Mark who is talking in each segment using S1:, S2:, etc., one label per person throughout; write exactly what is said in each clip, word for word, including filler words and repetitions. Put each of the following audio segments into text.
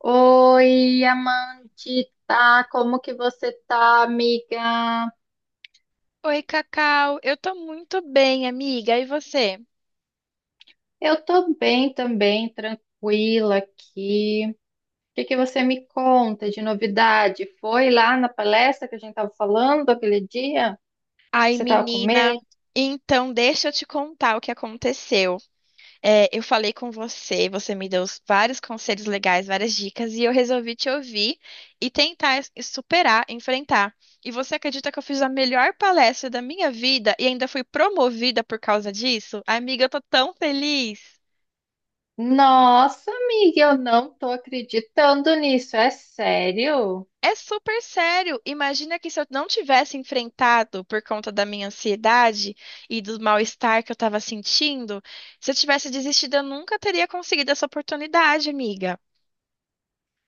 S1: Oi, Amandita, como que você tá, amiga?
S2: Oi, Cacau. Eu tô muito bem, amiga. E você?
S1: Eu tô bem também, tranquila aqui. O que que você me conta de novidade? Foi lá na palestra que a gente tava falando aquele dia que
S2: Ai,
S1: você tava com medo?
S2: menina. Então, deixa eu te contar o que aconteceu. É, eu falei com você, você me deu vários conselhos legais, várias dicas, e eu resolvi te ouvir e tentar es- superar, enfrentar. E você acredita que eu fiz a melhor palestra da minha vida e ainda fui promovida por causa disso? Amiga, eu tô tão feliz.
S1: Nossa, amiga, eu não tô acreditando nisso, é sério?
S2: É super sério. Imagina que se eu não tivesse enfrentado por conta da minha ansiedade e do mal-estar que eu estava sentindo, se eu tivesse desistido, eu nunca teria conseguido essa oportunidade, amiga.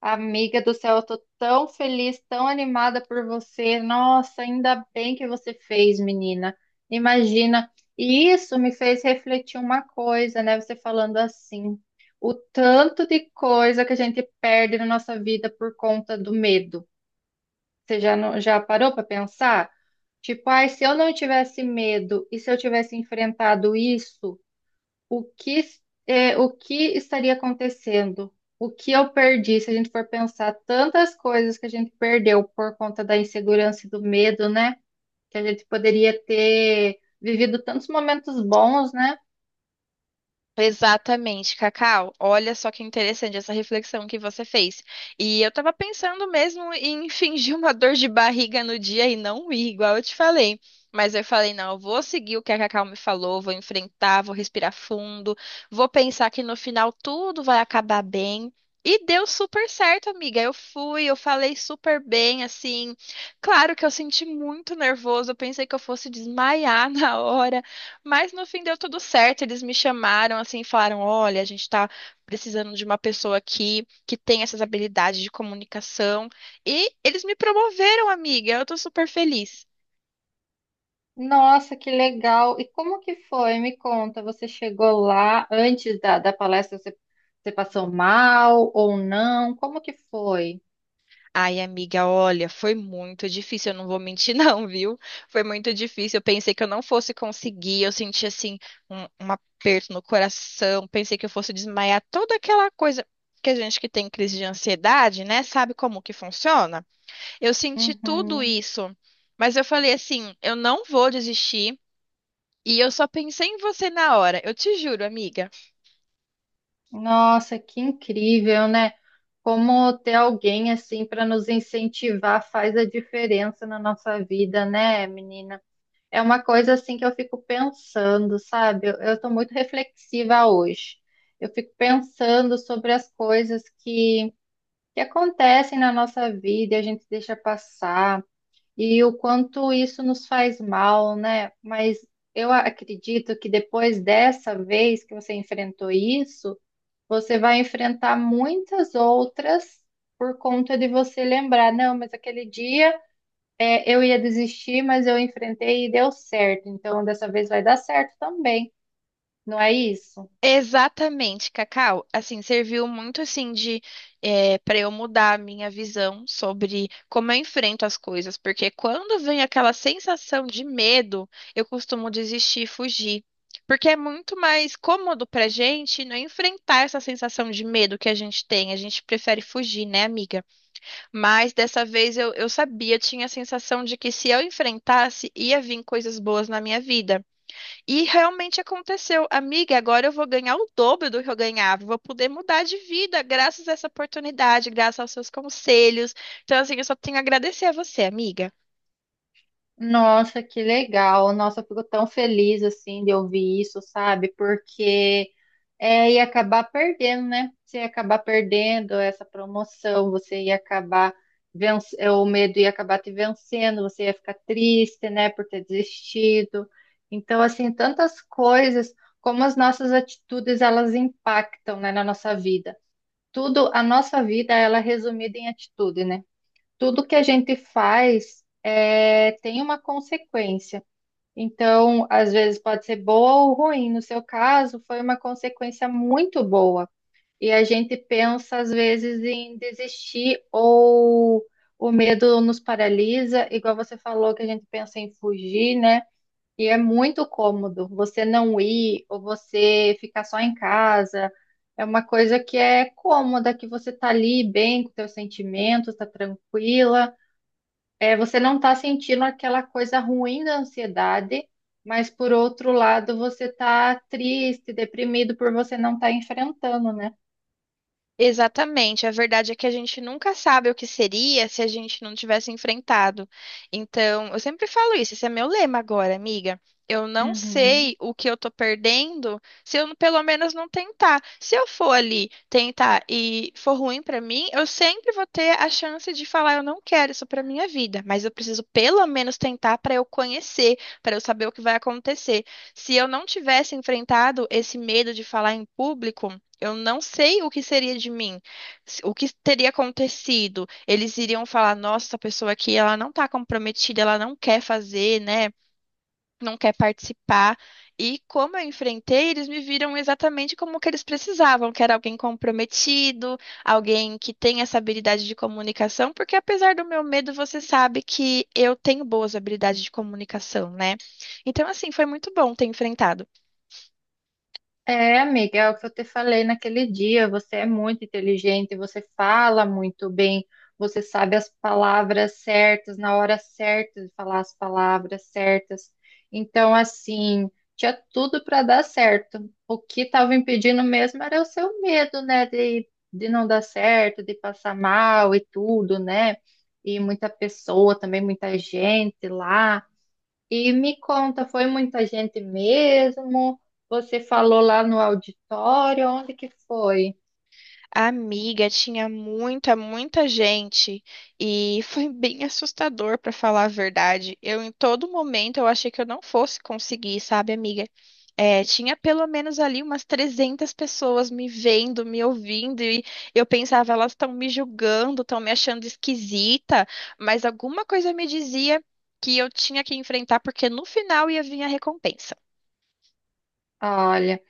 S1: Amiga do céu, eu tô tão feliz, tão animada por você. Nossa, ainda bem que você fez, menina. Imagina. E isso me fez refletir uma coisa, né? Você falando assim, o tanto de coisa que a gente perde na nossa vida por conta do medo. Você já, não- já parou para pensar? Tipo, ai, se eu não tivesse medo e se eu tivesse enfrentado isso. O que, é, o que estaria acontecendo? O que eu perdi? Se a gente for pensar tantas coisas que a gente perdeu por conta da insegurança e do medo, né? Que a gente poderia ter vivido tantos momentos bons, né?
S2: Exatamente, Cacau. Olha só que interessante essa reflexão que você fez. E eu tava pensando mesmo em fingir uma dor de barriga no dia e não ir, igual eu te falei. Mas eu falei, não, eu vou seguir o que a Cacau me falou, vou enfrentar, vou respirar fundo, vou pensar que no final tudo vai acabar bem. E deu super certo, amiga. Eu fui, eu falei super bem, assim. Claro que eu senti muito nervoso, eu pensei que eu fosse desmaiar na hora. Mas no fim deu tudo certo, eles me chamaram assim, falaram: "Olha, a gente está precisando de uma pessoa aqui que tem essas habilidades de comunicação". E eles me promoveram, amiga. Eu tô super feliz.
S1: Nossa, que legal! E como que foi? Me conta, você chegou lá antes da, da palestra, você, você passou mal ou não? Como que foi?
S2: Ai, amiga, olha, foi muito difícil, eu não vou mentir não, viu? Foi muito difícil. Eu pensei que eu não fosse conseguir, eu senti assim um, um aperto no coração, pensei que eu fosse desmaiar, toda aquela coisa que a gente que tem crise de ansiedade, né, sabe como que funciona? Eu senti tudo
S1: Uhum.
S2: isso, mas eu falei assim, eu não vou desistir. E eu só pensei em você na hora, eu te juro, amiga.
S1: Nossa, que incrível, né? Como ter alguém assim para nos incentivar faz a diferença na nossa vida, né, menina? É uma coisa assim que eu fico pensando, sabe? Eu estou muito reflexiva hoje. Eu fico pensando sobre as coisas que, que acontecem na nossa vida e a gente deixa passar, e o quanto isso nos faz mal, né? Mas eu acredito que depois dessa vez que você enfrentou isso, você vai enfrentar muitas outras por conta de você lembrar, não, mas aquele dia é, eu ia desistir, mas eu enfrentei e deu certo. Então, dessa vez vai dar certo também, não é isso?
S2: Exatamente, Cacau. Assim, serviu muito assim de para eu mudar a minha visão sobre como eu enfrento as coisas, porque quando vem aquela sensação de medo, eu costumo desistir e fugir. Porque é muito mais cômodo pra gente não enfrentar essa sensação de medo que a gente tem. A gente prefere fugir, né, amiga? Mas dessa vez eu, eu sabia, tinha a sensação de que se eu enfrentasse, ia vir coisas boas na minha vida. E realmente aconteceu. Amiga, agora eu vou ganhar o dobro do que eu ganhava. Vou poder mudar de vida graças a essa oportunidade, graças aos seus conselhos. Então, assim, eu só tenho a agradecer a você, amiga.
S1: Nossa, que legal! Nossa, eu fico tão feliz assim de ouvir isso, sabe? Porque é, e acabar perdendo, né? Você ia acabar perdendo essa promoção, você ia acabar venc- é, o medo ia acabar te vencendo, você ia ficar triste, né, por ter desistido. Então, assim, tantas coisas, como as nossas atitudes, elas impactam, né, na nossa vida. Tudo, a nossa vida, ela é resumida em atitude, né? Tudo que a gente faz é, tem uma consequência. Então, às vezes pode ser boa ou ruim. No seu caso, foi uma consequência muito boa. E a gente pensa, às vezes, em desistir ou o medo nos paralisa, igual você falou, que a gente pensa em fugir, né? E é muito cômodo você não ir ou você ficar só em casa. É uma coisa que é cômoda, que você tá ali bem com seus sentimentos, tá tranquila. É, você não está sentindo aquela coisa ruim da ansiedade, mas por outro lado você está triste, deprimido por você não estar enfrentando, né?
S2: Exatamente. A verdade é que a gente nunca sabe o que seria se a gente não tivesse enfrentado. Então, eu sempre falo isso, esse é meu lema agora, amiga. Eu não
S1: Uhum.
S2: sei o que eu tô perdendo se eu pelo menos não tentar. Se eu for ali tentar e for ruim pra mim, eu sempre vou ter a chance de falar, eu não quero isso pra minha vida, mas eu preciso pelo menos tentar pra eu conhecer, pra eu saber o que vai acontecer. Se eu não tivesse enfrentado esse medo de falar em público, eu não sei o que seria de mim, se- o que teria acontecido. Eles iriam falar: nossa, essa pessoa aqui, ela não está comprometida, ela não quer fazer, né? Não quer participar. E como eu enfrentei, eles me viram exatamente como que eles precisavam, que era alguém comprometido, alguém que tem essa habilidade de comunicação, porque apesar do meu medo, você sabe que eu tenho boas habilidades de comunicação, né? Então, assim, foi muito bom ter enfrentado.
S1: É, amiga, é o que eu te falei naquele dia. Você é muito inteligente, você fala muito bem, você sabe as palavras certas, na hora certa de falar as palavras certas. Então, assim, tinha tudo para dar certo. O que estava impedindo mesmo era o seu medo, né, de, de não dar certo, de passar mal e tudo, né? E muita pessoa também, muita gente lá. E me conta, foi muita gente mesmo? Você falou lá no auditório, onde que foi?
S2: Amiga, tinha muita, muita gente e foi bem assustador, para falar a verdade. Eu, em todo momento, eu achei que eu não fosse conseguir, sabe, amiga? É, tinha pelo menos ali umas trezentas pessoas me vendo, me ouvindo, e eu pensava, elas estão me julgando, estão me achando esquisita, mas alguma coisa me dizia que eu tinha que enfrentar, porque no final ia vir a recompensa.
S1: Olha,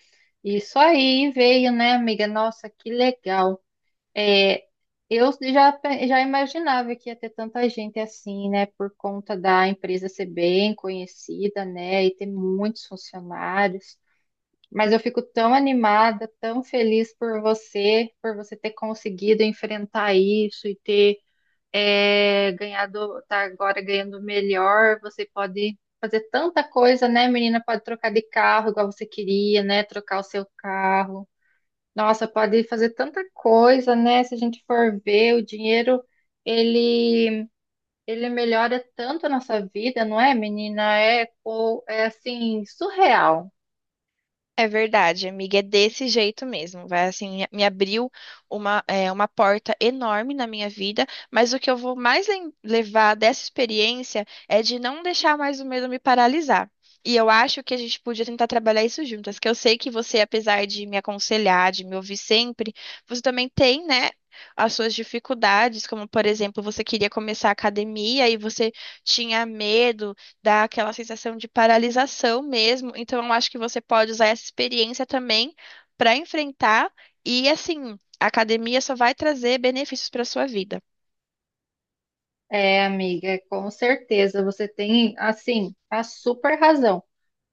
S1: isso aí veio, né, amiga? Nossa, que legal. É, eu já, pe- já imaginava que ia ter tanta gente assim, né, por conta da empresa ser bem conhecida, né, e ter muitos funcionários. Mas eu fico tão animada, tão feliz por você, por você ter conseguido enfrentar isso e ter é, ganhado, tá agora ganhando melhor, você pode fazer tanta coisa, né, menina? Pode trocar de carro igual você queria, né? Trocar o seu carro. Nossa, pode fazer tanta coisa, né? Se a gente for ver, o dinheiro, ele, ele melhora tanto a nossa vida, não é, menina? É, co- é assim, surreal.
S2: É verdade, amiga, é desse jeito mesmo. Vai assim, me abriu uma, é, uma porta enorme na minha vida, mas o que eu vou mais lem- levar dessa experiência é de não deixar mais o medo me paralisar. E eu acho que a gente podia tentar trabalhar isso juntas, que eu sei que você, apesar de me aconselhar, de me ouvir sempre, você também tem, né, as suas dificuldades, como por exemplo, você queria começar a academia e você tinha medo dá aquela sensação de paralisação mesmo. Então, eu acho que você pode usar essa experiência também para enfrentar. E assim, a academia só vai trazer benefícios para sua vida.
S1: É, amiga, com certeza. Você tem, assim, a super razão.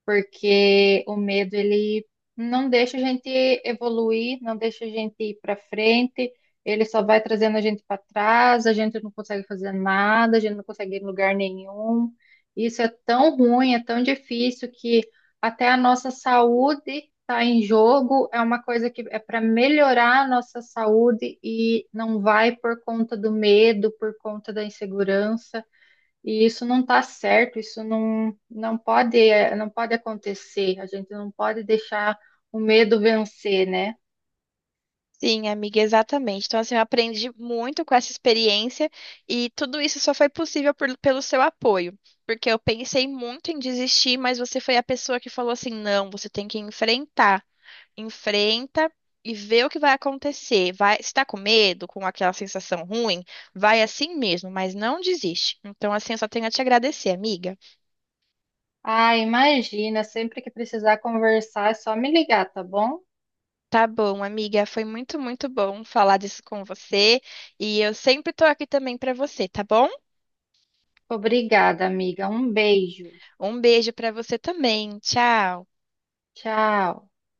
S1: Porque o medo ele não deixa a gente evoluir, não deixa a gente ir para frente, ele só vai trazendo a gente para trás, a gente não consegue fazer nada, a gente não consegue ir em lugar nenhum. Isso é tão ruim, é tão difícil que até a nossa saúde está em jogo, é uma coisa que é para melhorar a nossa saúde e não vai por conta do medo, por conta da insegurança. E isso não está certo, isso não, não pode, eh, não pode acontecer. A gente não pode deixar o medo vencer, né?
S2: Sim, amiga, exatamente. Então, assim, eu aprendi muito com essa experiência e tudo isso só foi possível por- pelo seu apoio. Porque eu pensei muito em desistir, mas você foi a pessoa que falou assim: não, você tem que enfrentar. Enfrenta e vê o que vai acontecer. Vai, se tá com medo, com aquela sensação ruim, vai assim mesmo, mas não desiste. Então, assim, eu só tenho a te agradecer, amiga.
S1: Ah, imagina, sempre que precisar conversar é só me ligar, tá bom?
S2: Tá bom, amiga, foi muito, muito bom falar disso com você e eu sempre tô aqui também pra você, tá bom?
S1: Obrigada, amiga. Um beijo.
S2: Um beijo pra você também. Tchau.
S1: Tchau.